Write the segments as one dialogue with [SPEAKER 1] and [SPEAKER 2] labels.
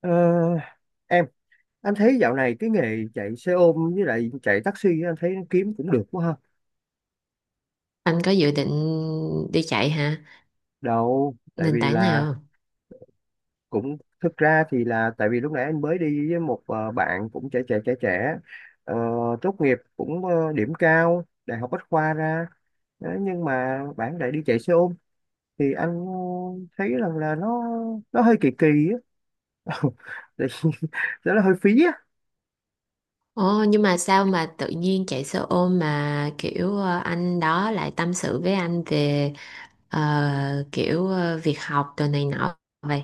[SPEAKER 1] Ờ, em anh thấy dạo này cái nghề chạy xe ôm với lại chạy taxi anh thấy nó kiếm cũng được quá ha.
[SPEAKER 2] Anh có dự định đi chạy hả?
[SPEAKER 1] Đâu tại
[SPEAKER 2] Nền
[SPEAKER 1] vì
[SPEAKER 2] tảng
[SPEAKER 1] là
[SPEAKER 2] nào không?
[SPEAKER 1] cũng thực ra thì là tại vì lúc nãy anh mới đi với một bạn cũng trẻ trẻ trẻ trẻ, ờ, tốt nghiệp cũng điểm cao đại học Bách khoa ra. Đấy, nhưng mà bạn lại đi chạy xe ôm, thì anh thấy rằng là nó hơi kỳ kỳ á. Tại vì nó hơi phí.
[SPEAKER 2] Ồ, nhưng mà sao mà tự nhiên chạy xe ôm mà kiểu anh đó lại tâm sự với anh về kiểu việc học đồ này nọ vậy?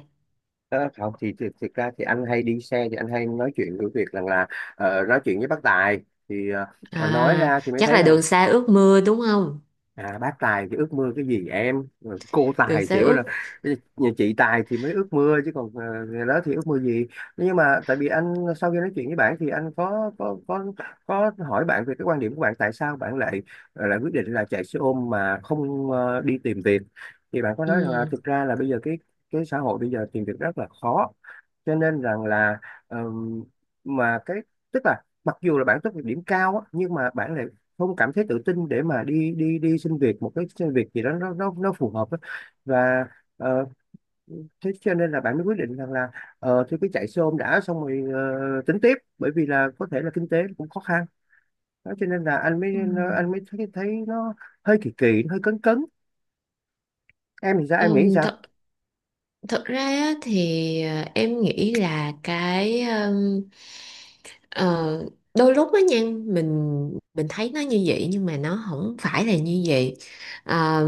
[SPEAKER 1] Ờ, không thì, thực ra thì anh hay đi xe thì anh hay nói chuyện với việc rằng là, nói chuyện với bác Tài, thì nói
[SPEAKER 2] À,
[SPEAKER 1] ra thì mới
[SPEAKER 2] chắc
[SPEAKER 1] thấy
[SPEAKER 2] là
[SPEAKER 1] rằng,
[SPEAKER 2] đường xa ước mưa đúng không?
[SPEAKER 1] à, bác tài thì ước mơ cái gì em? Rồi cô
[SPEAKER 2] Đường
[SPEAKER 1] tài
[SPEAKER 2] xa
[SPEAKER 1] chỉ mới là
[SPEAKER 2] ước.
[SPEAKER 1] bây giờ nhà chị tài thì mới ước mơ chứ còn người đó thì ước mơ gì. Nhưng mà tại vì anh sau khi nói chuyện với bạn thì anh có có hỏi bạn về cái quan điểm của bạn tại sao bạn lại lại quyết định là chạy xe ôm mà không đi tìm việc, thì bạn có nói rằng là
[SPEAKER 2] Ừ.
[SPEAKER 1] thực ra là bây giờ cái xã hội bây giờ tìm việc rất là khó, cho nên rằng là ờm, mà cái, tức là mặc dù là bạn tốt nghiệp điểm cao á, nhưng mà bạn lại không cảm thấy tự tin để mà đi đi đi xin việc, một cái xin việc gì đó nó phù hợp á. Và ờ, thế cho nên là bạn mới quyết định rằng là, thì cứ chạy xe ôm đã, xong rồi tính tiếp, bởi vì là có thể là kinh tế cũng khó khăn. Đó cho nên là anh mới,
[SPEAKER 2] Ừ.
[SPEAKER 1] anh mới thấy, nó hơi kỳ kỳ, nó hơi cấn cấn. Em thì sao, em nghĩ
[SPEAKER 2] Ừ,
[SPEAKER 1] sao?
[SPEAKER 2] thật Thực ra á, thì em nghĩ là cái ờ, đôi lúc á nha mình mình thấy nó như vậy nhưng mà nó không phải là như vậy. Ờ,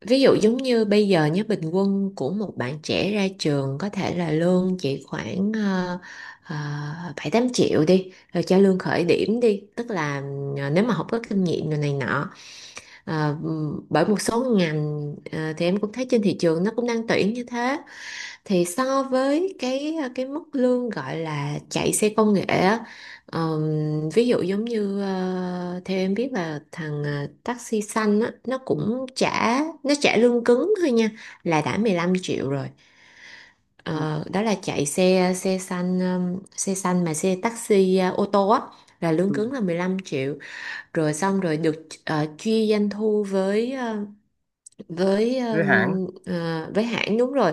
[SPEAKER 2] ví dụ giống như bây giờ nhé, bình quân của một bạn trẻ ra trường có thể là lương chỉ khoảng ờ, bảy tám triệu đi, rồi cho lương khởi điểm đi, tức là nếu mà không có kinh nghiệm rồi này nọ. Ờ, bởi một số ngành thì em cũng thấy trên thị trường nó cũng đang tuyển như thế, thì so với cái cái mức lương gọi là chạy xe công nghệ á, ví dụ giống như theo em biết là thằng taxi xanh á, nó
[SPEAKER 1] Ừ,
[SPEAKER 2] cũng trả, nó trả lương cứng thôi nha, là đã 15 triệu rồi.
[SPEAKER 1] ừ,
[SPEAKER 2] Ờ, đó là chạy xe xe xanh, xe xanh mà xe taxi ô tô á, là lương
[SPEAKER 1] ừ.
[SPEAKER 2] cứng là 15 triệu, rồi xong rồi được chia doanh thu với với
[SPEAKER 1] Với
[SPEAKER 2] ờ,
[SPEAKER 1] hạn.
[SPEAKER 2] với hãng, đúng rồi,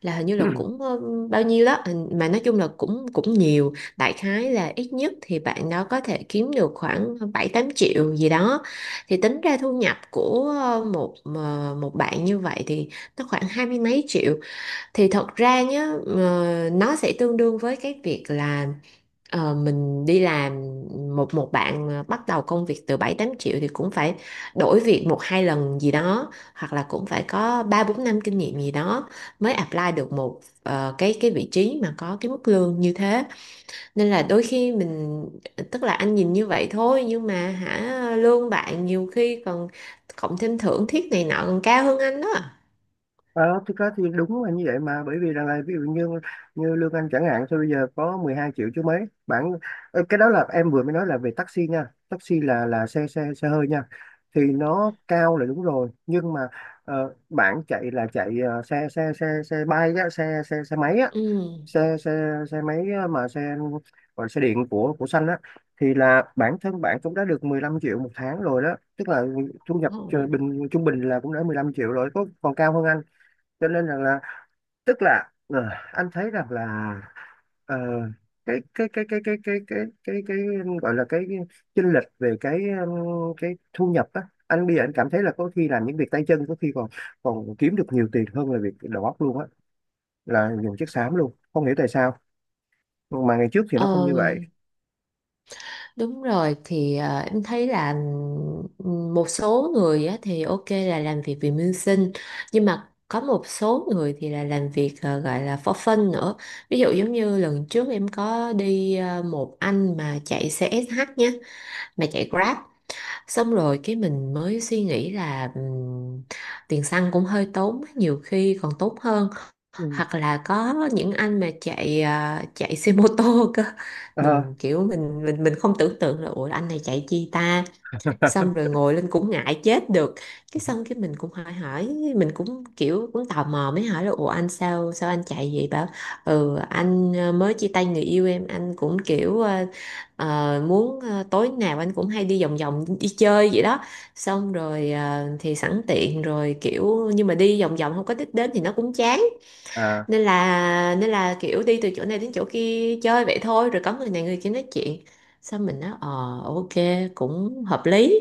[SPEAKER 2] là hình như là cũng bao nhiêu đó mà nói chung là cũng cũng nhiều, đại khái là ít nhất thì bạn đó có thể kiếm được khoảng 7 8 triệu gì đó, thì tính ra thu nhập của một bạn như vậy thì nó khoảng hai mươi mấy triệu, thì thật ra nhá nó sẽ tương đương với cái việc là mình đi làm một một bạn mà bắt đầu công việc từ 7 8 triệu thì cũng phải đổi việc một hai lần gì đó, hoặc là cũng phải có 3 4 năm kinh nghiệm gì đó mới apply được một cái vị trí mà có cái mức lương như thế. Nên là đôi khi mình, tức là anh nhìn như vậy thôi nhưng mà hả, lương bạn nhiều khi còn cộng thêm thưởng thiết này nọ còn cao hơn anh đó.
[SPEAKER 1] Ờ, thực ra thì đúng là như vậy mà, bởi vì rằng là ví dụ như như lương anh chẳng hạn thôi, bây giờ có 12 triệu chứ mấy bạn. Cái đó là em vừa mới nói là về taxi nha, taxi là xe xe xe hơi nha, thì nó cao là đúng rồi. Nhưng mà bạn chạy là chạy xe xe xe xe bay á, xe xe xe máy á,
[SPEAKER 2] Ừ.
[SPEAKER 1] xe xe xe máy á, mà xe gọi là xe điện của xanh á, thì là bản thân bạn cũng đã được 15 triệu một tháng rồi đó. Tức là thu nhập trung bình là cũng đã 15 triệu rồi, có còn cao hơn anh. Cho nên rằng là, tức là anh thấy rằng là ờ, cái cái cái cái cái cái cái cái gọi là cái chênh lệch về cái thu nhập á, anh bây giờ anh cảm thấy là có khi làm những việc tay chân có khi còn còn kiếm được nhiều tiền hơn là việc đầu óc luôn á, là dùng chiếc xám luôn, không hiểu tại sao mà ngày trước thì nó không
[SPEAKER 2] Ờ.
[SPEAKER 1] như vậy.
[SPEAKER 2] Đúng rồi, thì em thấy là một số người á, thì ok là làm việc vì mưu sinh, nhưng mà có một số người thì là làm việc gọi là for fun nữa. Ví dụ giống như lần trước em có đi một anh mà chạy CSH nhé, mà chạy Grab, xong rồi cái mình mới suy nghĩ là tiền xăng cũng hơi tốn, nhiều khi còn tốn hơn.
[SPEAKER 1] Ừ.
[SPEAKER 2] Hoặc là có những anh mà chạy à, chạy xe mô tô cơ,
[SPEAKER 1] Ờ.
[SPEAKER 2] mình kiểu mình không tưởng tượng là ủa anh này chạy chi ta, xong rồi ngồi lên cũng ngại chết được. Cái xong cái mình cũng hỏi hỏi mình cũng kiểu cũng tò mò mới hỏi là ủa anh sao sao anh chạy vậy, bảo ừ anh mới chia tay người yêu em, anh cũng kiểu muốn tối nào anh cũng hay đi vòng vòng đi chơi vậy đó, xong rồi thì sẵn tiện rồi kiểu, nhưng mà đi vòng vòng không có đích đến thì nó cũng chán,
[SPEAKER 1] À,
[SPEAKER 2] nên là kiểu đi từ chỗ này đến chỗ kia chơi vậy thôi, rồi có người này người kia nói chuyện, xong mình nói ờ, ok cũng hợp lý.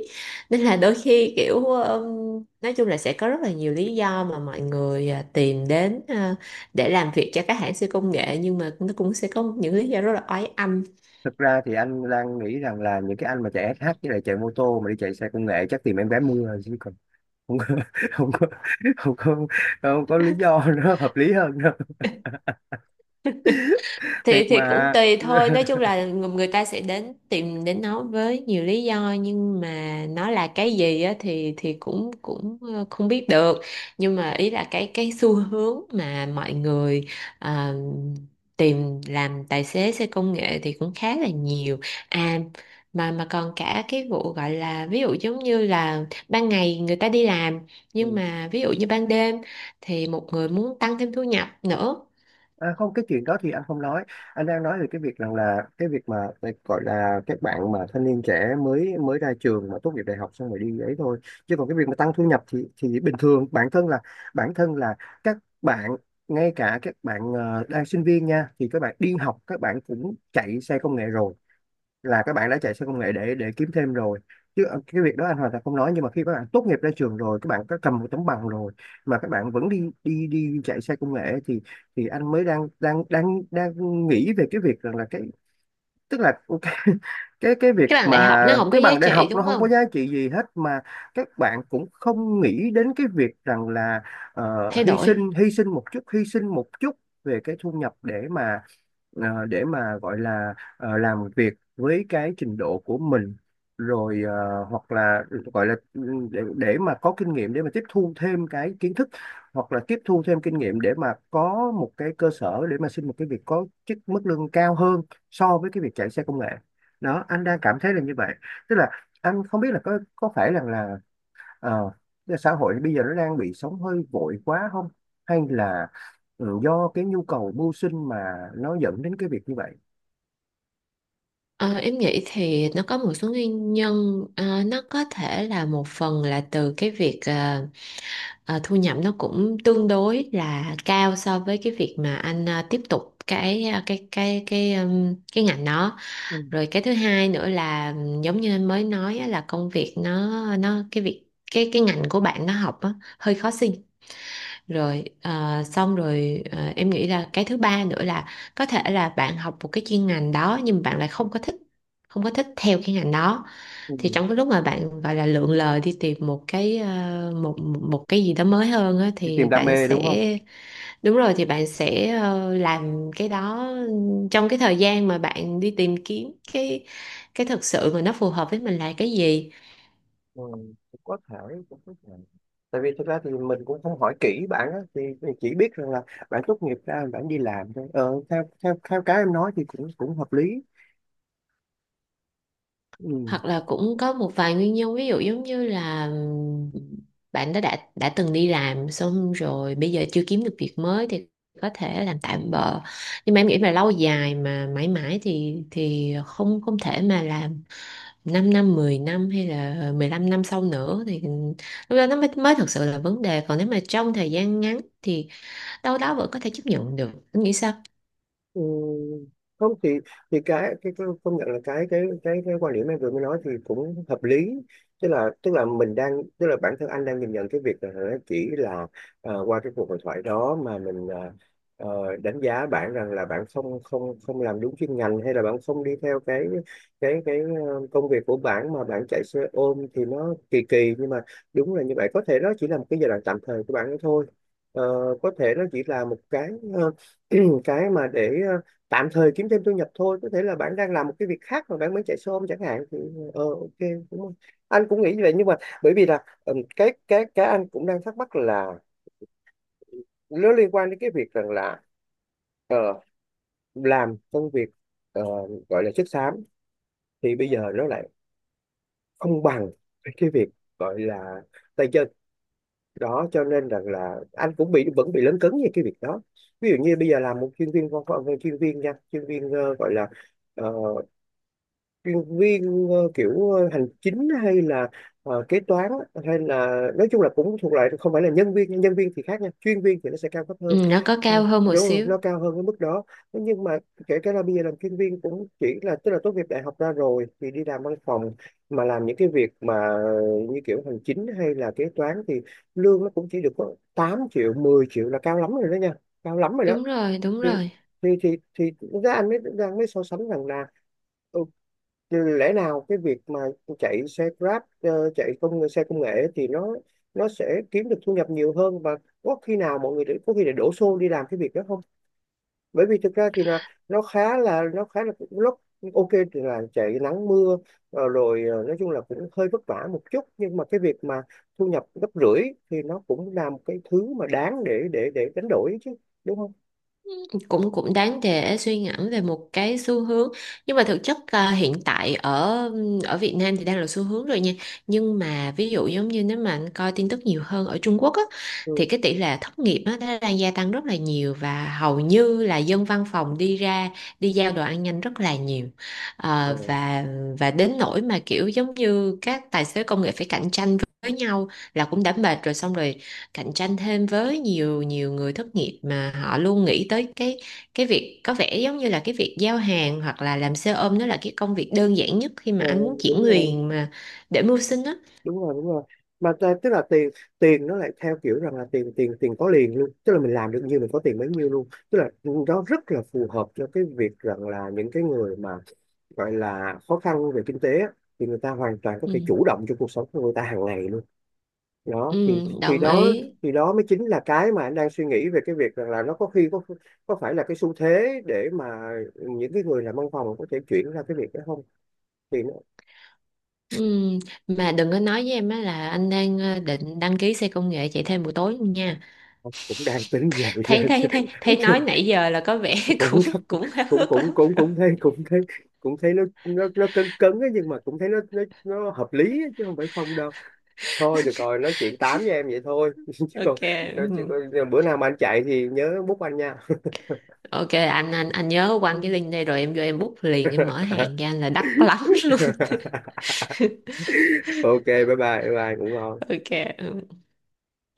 [SPEAKER 2] Nên là đôi khi kiểu nói chung là sẽ có rất là nhiều lý do mà mọi người à, tìm đến à, để làm việc cho các hãng siêu công nghệ, nhưng mà nó cũng sẽ có những lý do rất là oái âm.
[SPEAKER 1] thực ra thì anh đang nghĩ rằng là những cái anh mà chạy SH với lại chạy mô tô mà đi chạy xe công nghệ chắc tìm em gái mưa rồi, chứ còn không có. Không có, không có, không có lý do nó hợp lý hơn đâu.
[SPEAKER 2] thì
[SPEAKER 1] Thiệt
[SPEAKER 2] thì cũng
[SPEAKER 1] mà.
[SPEAKER 2] tùy thôi, nói chung là người người ta sẽ đến tìm đến nó với nhiều lý do, nhưng mà nó là cái gì á thì cũng cũng ờ, không biết được. Nhưng mà ý là cái xu hướng mà mọi người ờ, tìm làm tài xế xe công nghệ thì cũng khá là nhiều. À, mà còn cả cái vụ gọi là ví dụ giống như là ban ngày người ta đi làm, nhưng
[SPEAKER 1] Ừ.
[SPEAKER 2] mà ví dụ như ban đêm thì một người muốn tăng thêm thu nhập nữa.
[SPEAKER 1] À, không, cái chuyện đó thì anh không nói. Anh đang nói về cái việc rằng là cái việc mà cái gọi là các bạn mà thanh niên trẻ mới mới ra trường mà tốt nghiệp đại học xong rồi đi ấy thôi, chứ còn cái việc mà tăng thu nhập thì bình thường bản thân là các bạn, ngay cả các bạn đang sinh viên nha, thì các bạn đi học các bạn cũng chạy xe công nghệ rồi, là các bạn đã chạy xe công nghệ để kiếm thêm rồi. Chứ cái việc đó anh hoàn toàn không nói. Nhưng mà khi các bạn tốt nghiệp ra trường rồi, các bạn có cầm một tấm bằng rồi mà các bạn vẫn đi đi đi chạy xe công nghệ, thì anh mới đang đang nghĩ về cái việc rằng là cái, tức là cái cái việc
[SPEAKER 2] Cái bằng đại học
[SPEAKER 1] mà
[SPEAKER 2] nó không có
[SPEAKER 1] cái
[SPEAKER 2] giá
[SPEAKER 1] bằng đại học
[SPEAKER 2] trị
[SPEAKER 1] nó
[SPEAKER 2] đúng
[SPEAKER 1] không có
[SPEAKER 2] không?
[SPEAKER 1] giá trị gì hết mà các bạn cũng không nghĩ đến cái việc rằng là
[SPEAKER 2] Thay đổi.
[SPEAKER 1] hy sinh một chút hy sinh một chút về cái thu nhập, để mà để mà gọi là làm việc với cái trình độ của mình, rồi hoặc là gọi là để, mà có kinh nghiệm, để mà tiếp thu thêm cái kiến thức, hoặc là tiếp thu thêm kinh nghiệm, để mà có một cái cơ sở để mà xin một cái việc có chức mức lương cao hơn so với cái việc chạy xe công nghệ. Đó, anh đang cảm thấy là như vậy. Tức là anh không biết là có phải rằng là ờ, xã hội bây giờ nó đang bị sống hơi vội quá không, hay là ừ, do cái nhu cầu mưu sinh mà nó dẫn đến cái việc như vậy.
[SPEAKER 2] Ờ, em nghĩ thì nó có một số nguyên nhân. Ờ, nó có thể là một phần là từ cái việc thu nhập nó cũng tương đối là cao so với cái việc mà anh tiếp tục cái cái cái ngành đó.
[SPEAKER 1] Ừ.
[SPEAKER 2] Rồi cái thứ hai nữa là giống như anh mới nói á, là công việc nó cái việc, cái ngành của bạn nó học á, hơi khó. Rồi à, xong rồi à, em nghĩ là cái thứ ba nữa là có thể là bạn học một cái chuyên ngành đó nhưng bạn lại không có thích, không có thích theo cái ngành đó. Thì
[SPEAKER 1] Ừ.
[SPEAKER 2] trong cái lúc mà bạn gọi là lượn lờ đi tìm một cái một một cái gì đó mới hơn á,
[SPEAKER 1] Đi tìm
[SPEAKER 2] thì
[SPEAKER 1] đam
[SPEAKER 2] bạn
[SPEAKER 1] mê đúng không?
[SPEAKER 2] sẽ, đúng rồi, thì bạn sẽ làm cái đó trong cái thời gian mà bạn đi tìm kiếm cái thực sự mà nó phù hợp với mình là cái gì.
[SPEAKER 1] Ừ, cũng có thể, cũng có thể. Tại vì thực ra thì mình cũng không hỏi kỹ bạn á, thì mình chỉ biết rằng là bạn tốt nghiệp ra bạn đi làm thôi. Ờ, theo theo theo cái em nói thì cũng cũng hợp lý. Ừ.
[SPEAKER 2] Hoặc là cũng có một vài nguyên nhân, ví dụ giống như là bạn đó đã từng đi làm xong rồi bây giờ chưa kiếm được việc mới thì có thể làm tạm bợ. Nhưng mà em nghĩ mà lâu dài mà mãi mãi thì không không thể mà làm 5 năm 10 năm hay là 15 năm sau nữa, thì lúc đó nó mới mới thực sự là vấn đề, còn nếu mà trong thời gian ngắn thì đâu đó vẫn có thể chấp nhận được, em nghĩ sao?
[SPEAKER 1] Ừ, không thì cái công nhận là cái quan điểm em vừa mới nói thì cũng hợp lý. Tức là, mình đang, tức là bản thân anh đang nhìn nhận cái việc là nó chỉ là qua cái cuộc hội thoại đó mà mình đánh giá bạn rằng là bạn không không không làm đúng chuyên ngành, hay là bạn không đi theo cái cái công việc của bạn, mà bạn chạy xe ôm thì nó kỳ kỳ. Nhưng mà đúng là như vậy, có thể nó chỉ là một cái giai đoạn tạm thời của bạn ấy thôi. Ờ, có thể nó chỉ là một cái ờ, cái mà để tạm thời kiếm thêm thu nhập thôi. Có thể là bạn đang làm một cái việc khác mà bạn mới chạy xe ôm chẳng hạn, thì ờ ok, đúng không? Anh cũng nghĩ như vậy. Nhưng mà bởi vì là cái anh cũng đang thắc mắc là nó liên quan đến cái việc rằng là ờ, làm công việc ờ, gọi là chất xám, thì bây giờ nó lại không bằng cái việc gọi là tay chân. Đó cho nên rằng là anh cũng bị, vẫn bị lấn cấn về cái việc đó. Ví dụ như bây giờ làm một chuyên viên văn phòng, chuyên viên nha, chuyên viên gọi là ờ, chuyên viên kiểu hành chính hay là kế toán á, hay là nói chung là cũng thuộc loại không phải là nhân viên nha. Nhân viên thì khác nha, chuyên viên thì nó sẽ cao cấp hơn.
[SPEAKER 2] Ừ, nó có
[SPEAKER 1] Ừ,
[SPEAKER 2] cao hơn một
[SPEAKER 1] đúng rồi,
[SPEAKER 2] xíu.
[SPEAKER 1] nó cao hơn cái mức đó. Thế nhưng mà kể cả là bây giờ làm chuyên viên cũng chỉ là, tức là tốt nghiệp đại học ra rồi thì đi làm văn phòng, mà làm những cái việc mà như kiểu hành chính hay là kế toán, thì lương nó cũng chỉ được có 8 triệu 10 triệu là cao lắm rồi đó nha, cao lắm rồi đó.
[SPEAKER 2] Đúng rồi, đúng
[SPEAKER 1] Thì
[SPEAKER 2] rồi.
[SPEAKER 1] thì ra anh mới đang mới so sánh rằng là ừ, lẽ nào cái việc mà chạy xe Grab, chạy xe công nghệ, thì nó sẽ kiếm được thu nhập nhiều hơn. Và có khi nào mọi người để- có khi để đổ xô đi làm cái việc đó không? Bởi vì thực ra thì là nó khá là, nó khá là lúc ok thì là chạy nắng mưa, rồi nói chung là cũng hơi vất vả một chút, nhưng mà cái việc mà thu nhập gấp rưỡi thì nó cũng là một cái thứ mà đáng để đánh đổi chứ, đúng không?
[SPEAKER 2] Cũng cũng đáng để suy ngẫm về một cái xu hướng. Nhưng mà thực chất à, hiện tại ở ở Việt Nam thì đang là xu hướng rồi nha. Nhưng mà ví dụ giống như nếu mà anh coi tin tức nhiều hơn ở Trung Quốc á,
[SPEAKER 1] Ừ.
[SPEAKER 2] thì cái tỷ lệ thất nghiệp á nó đang gia tăng rất là nhiều, và hầu như là dân văn phòng đi ra đi giao đồ ăn nhanh rất là nhiều.
[SPEAKER 1] Ờ,
[SPEAKER 2] Ờ, và đến nỗi mà kiểu giống như các tài xế công nghệ phải cạnh tranh với nhau là cũng đã mệt rồi, xong rồi cạnh tranh thêm với nhiều nhiều người thất nghiệp, mà họ luôn nghĩ tới cái việc có vẻ giống như là cái việc giao hàng hoặc là làm xe ôm nó là cái công việc đơn giản nhất khi mà
[SPEAKER 1] ờ,
[SPEAKER 2] anh muốn chuyển
[SPEAKER 1] đúng rồi,
[SPEAKER 2] quyền mà để mưu sinh á.
[SPEAKER 1] đúng rồi, đúng rồi. Mà ta- tức là tiền, nó lại theo kiểu rằng là tiền tiền tiền có liền luôn, tức là mình làm được nhiêu mình có tiền bấy nhiêu luôn. Tức là nó rất là phù hợp cho cái việc rằng là những cái người mà gọi là khó khăn về kinh tế á, thì người ta hoàn toàn có
[SPEAKER 2] Ừ,
[SPEAKER 1] thể chủ động cho cuộc sống của người ta hàng ngày luôn.
[SPEAKER 2] ừ,
[SPEAKER 1] Đó thì
[SPEAKER 2] đồng
[SPEAKER 1] đó,
[SPEAKER 2] ý.
[SPEAKER 1] thì đó mới chính là cái mà anh đang suy nghĩ về cái việc rằng là nó có khi có phải là cái xu thế để mà những cái người làm văn phòng có thể chuyển ra cái việc đó không? Thì
[SPEAKER 2] Ừ, mà đừng có nói với em á là anh đang định đăng ký xe công nghệ chạy thêm buổi tối nha.
[SPEAKER 1] cũng đang tính vậy
[SPEAKER 2] thấy
[SPEAKER 1] đó chứ.
[SPEAKER 2] thấy thấy thấy nói nãy giờ là có vẻ cũng
[SPEAKER 1] Cũng
[SPEAKER 2] cũng háo
[SPEAKER 1] cũng
[SPEAKER 2] hức
[SPEAKER 1] cũng
[SPEAKER 2] lắm
[SPEAKER 1] cũng
[SPEAKER 2] rồi.
[SPEAKER 1] cũng thấy, cũng thấy nó cứng cứng ấy, nhưng mà cũng thấy nó hợp lý ấy, chứ không phải không đâu. Thôi được rồi, nói chuyện tám với em vậy thôi
[SPEAKER 2] Ok.
[SPEAKER 1] chứ
[SPEAKER 2] Ừ.
[SPEAKER 1] còn bữa nào mà anh chạy thì nhớ bút anh nha.
[SPEAKER 2] Ok, anh anh nhớ quăng cái link đây rồi em vô em bút liền, em mở hàng cho anh là đắt lắm luôn.
[SPEAKER 1] Ok, bye bye. Bye bye, ngủ ngon.
[SPEAKER 2] Ok. Ừ.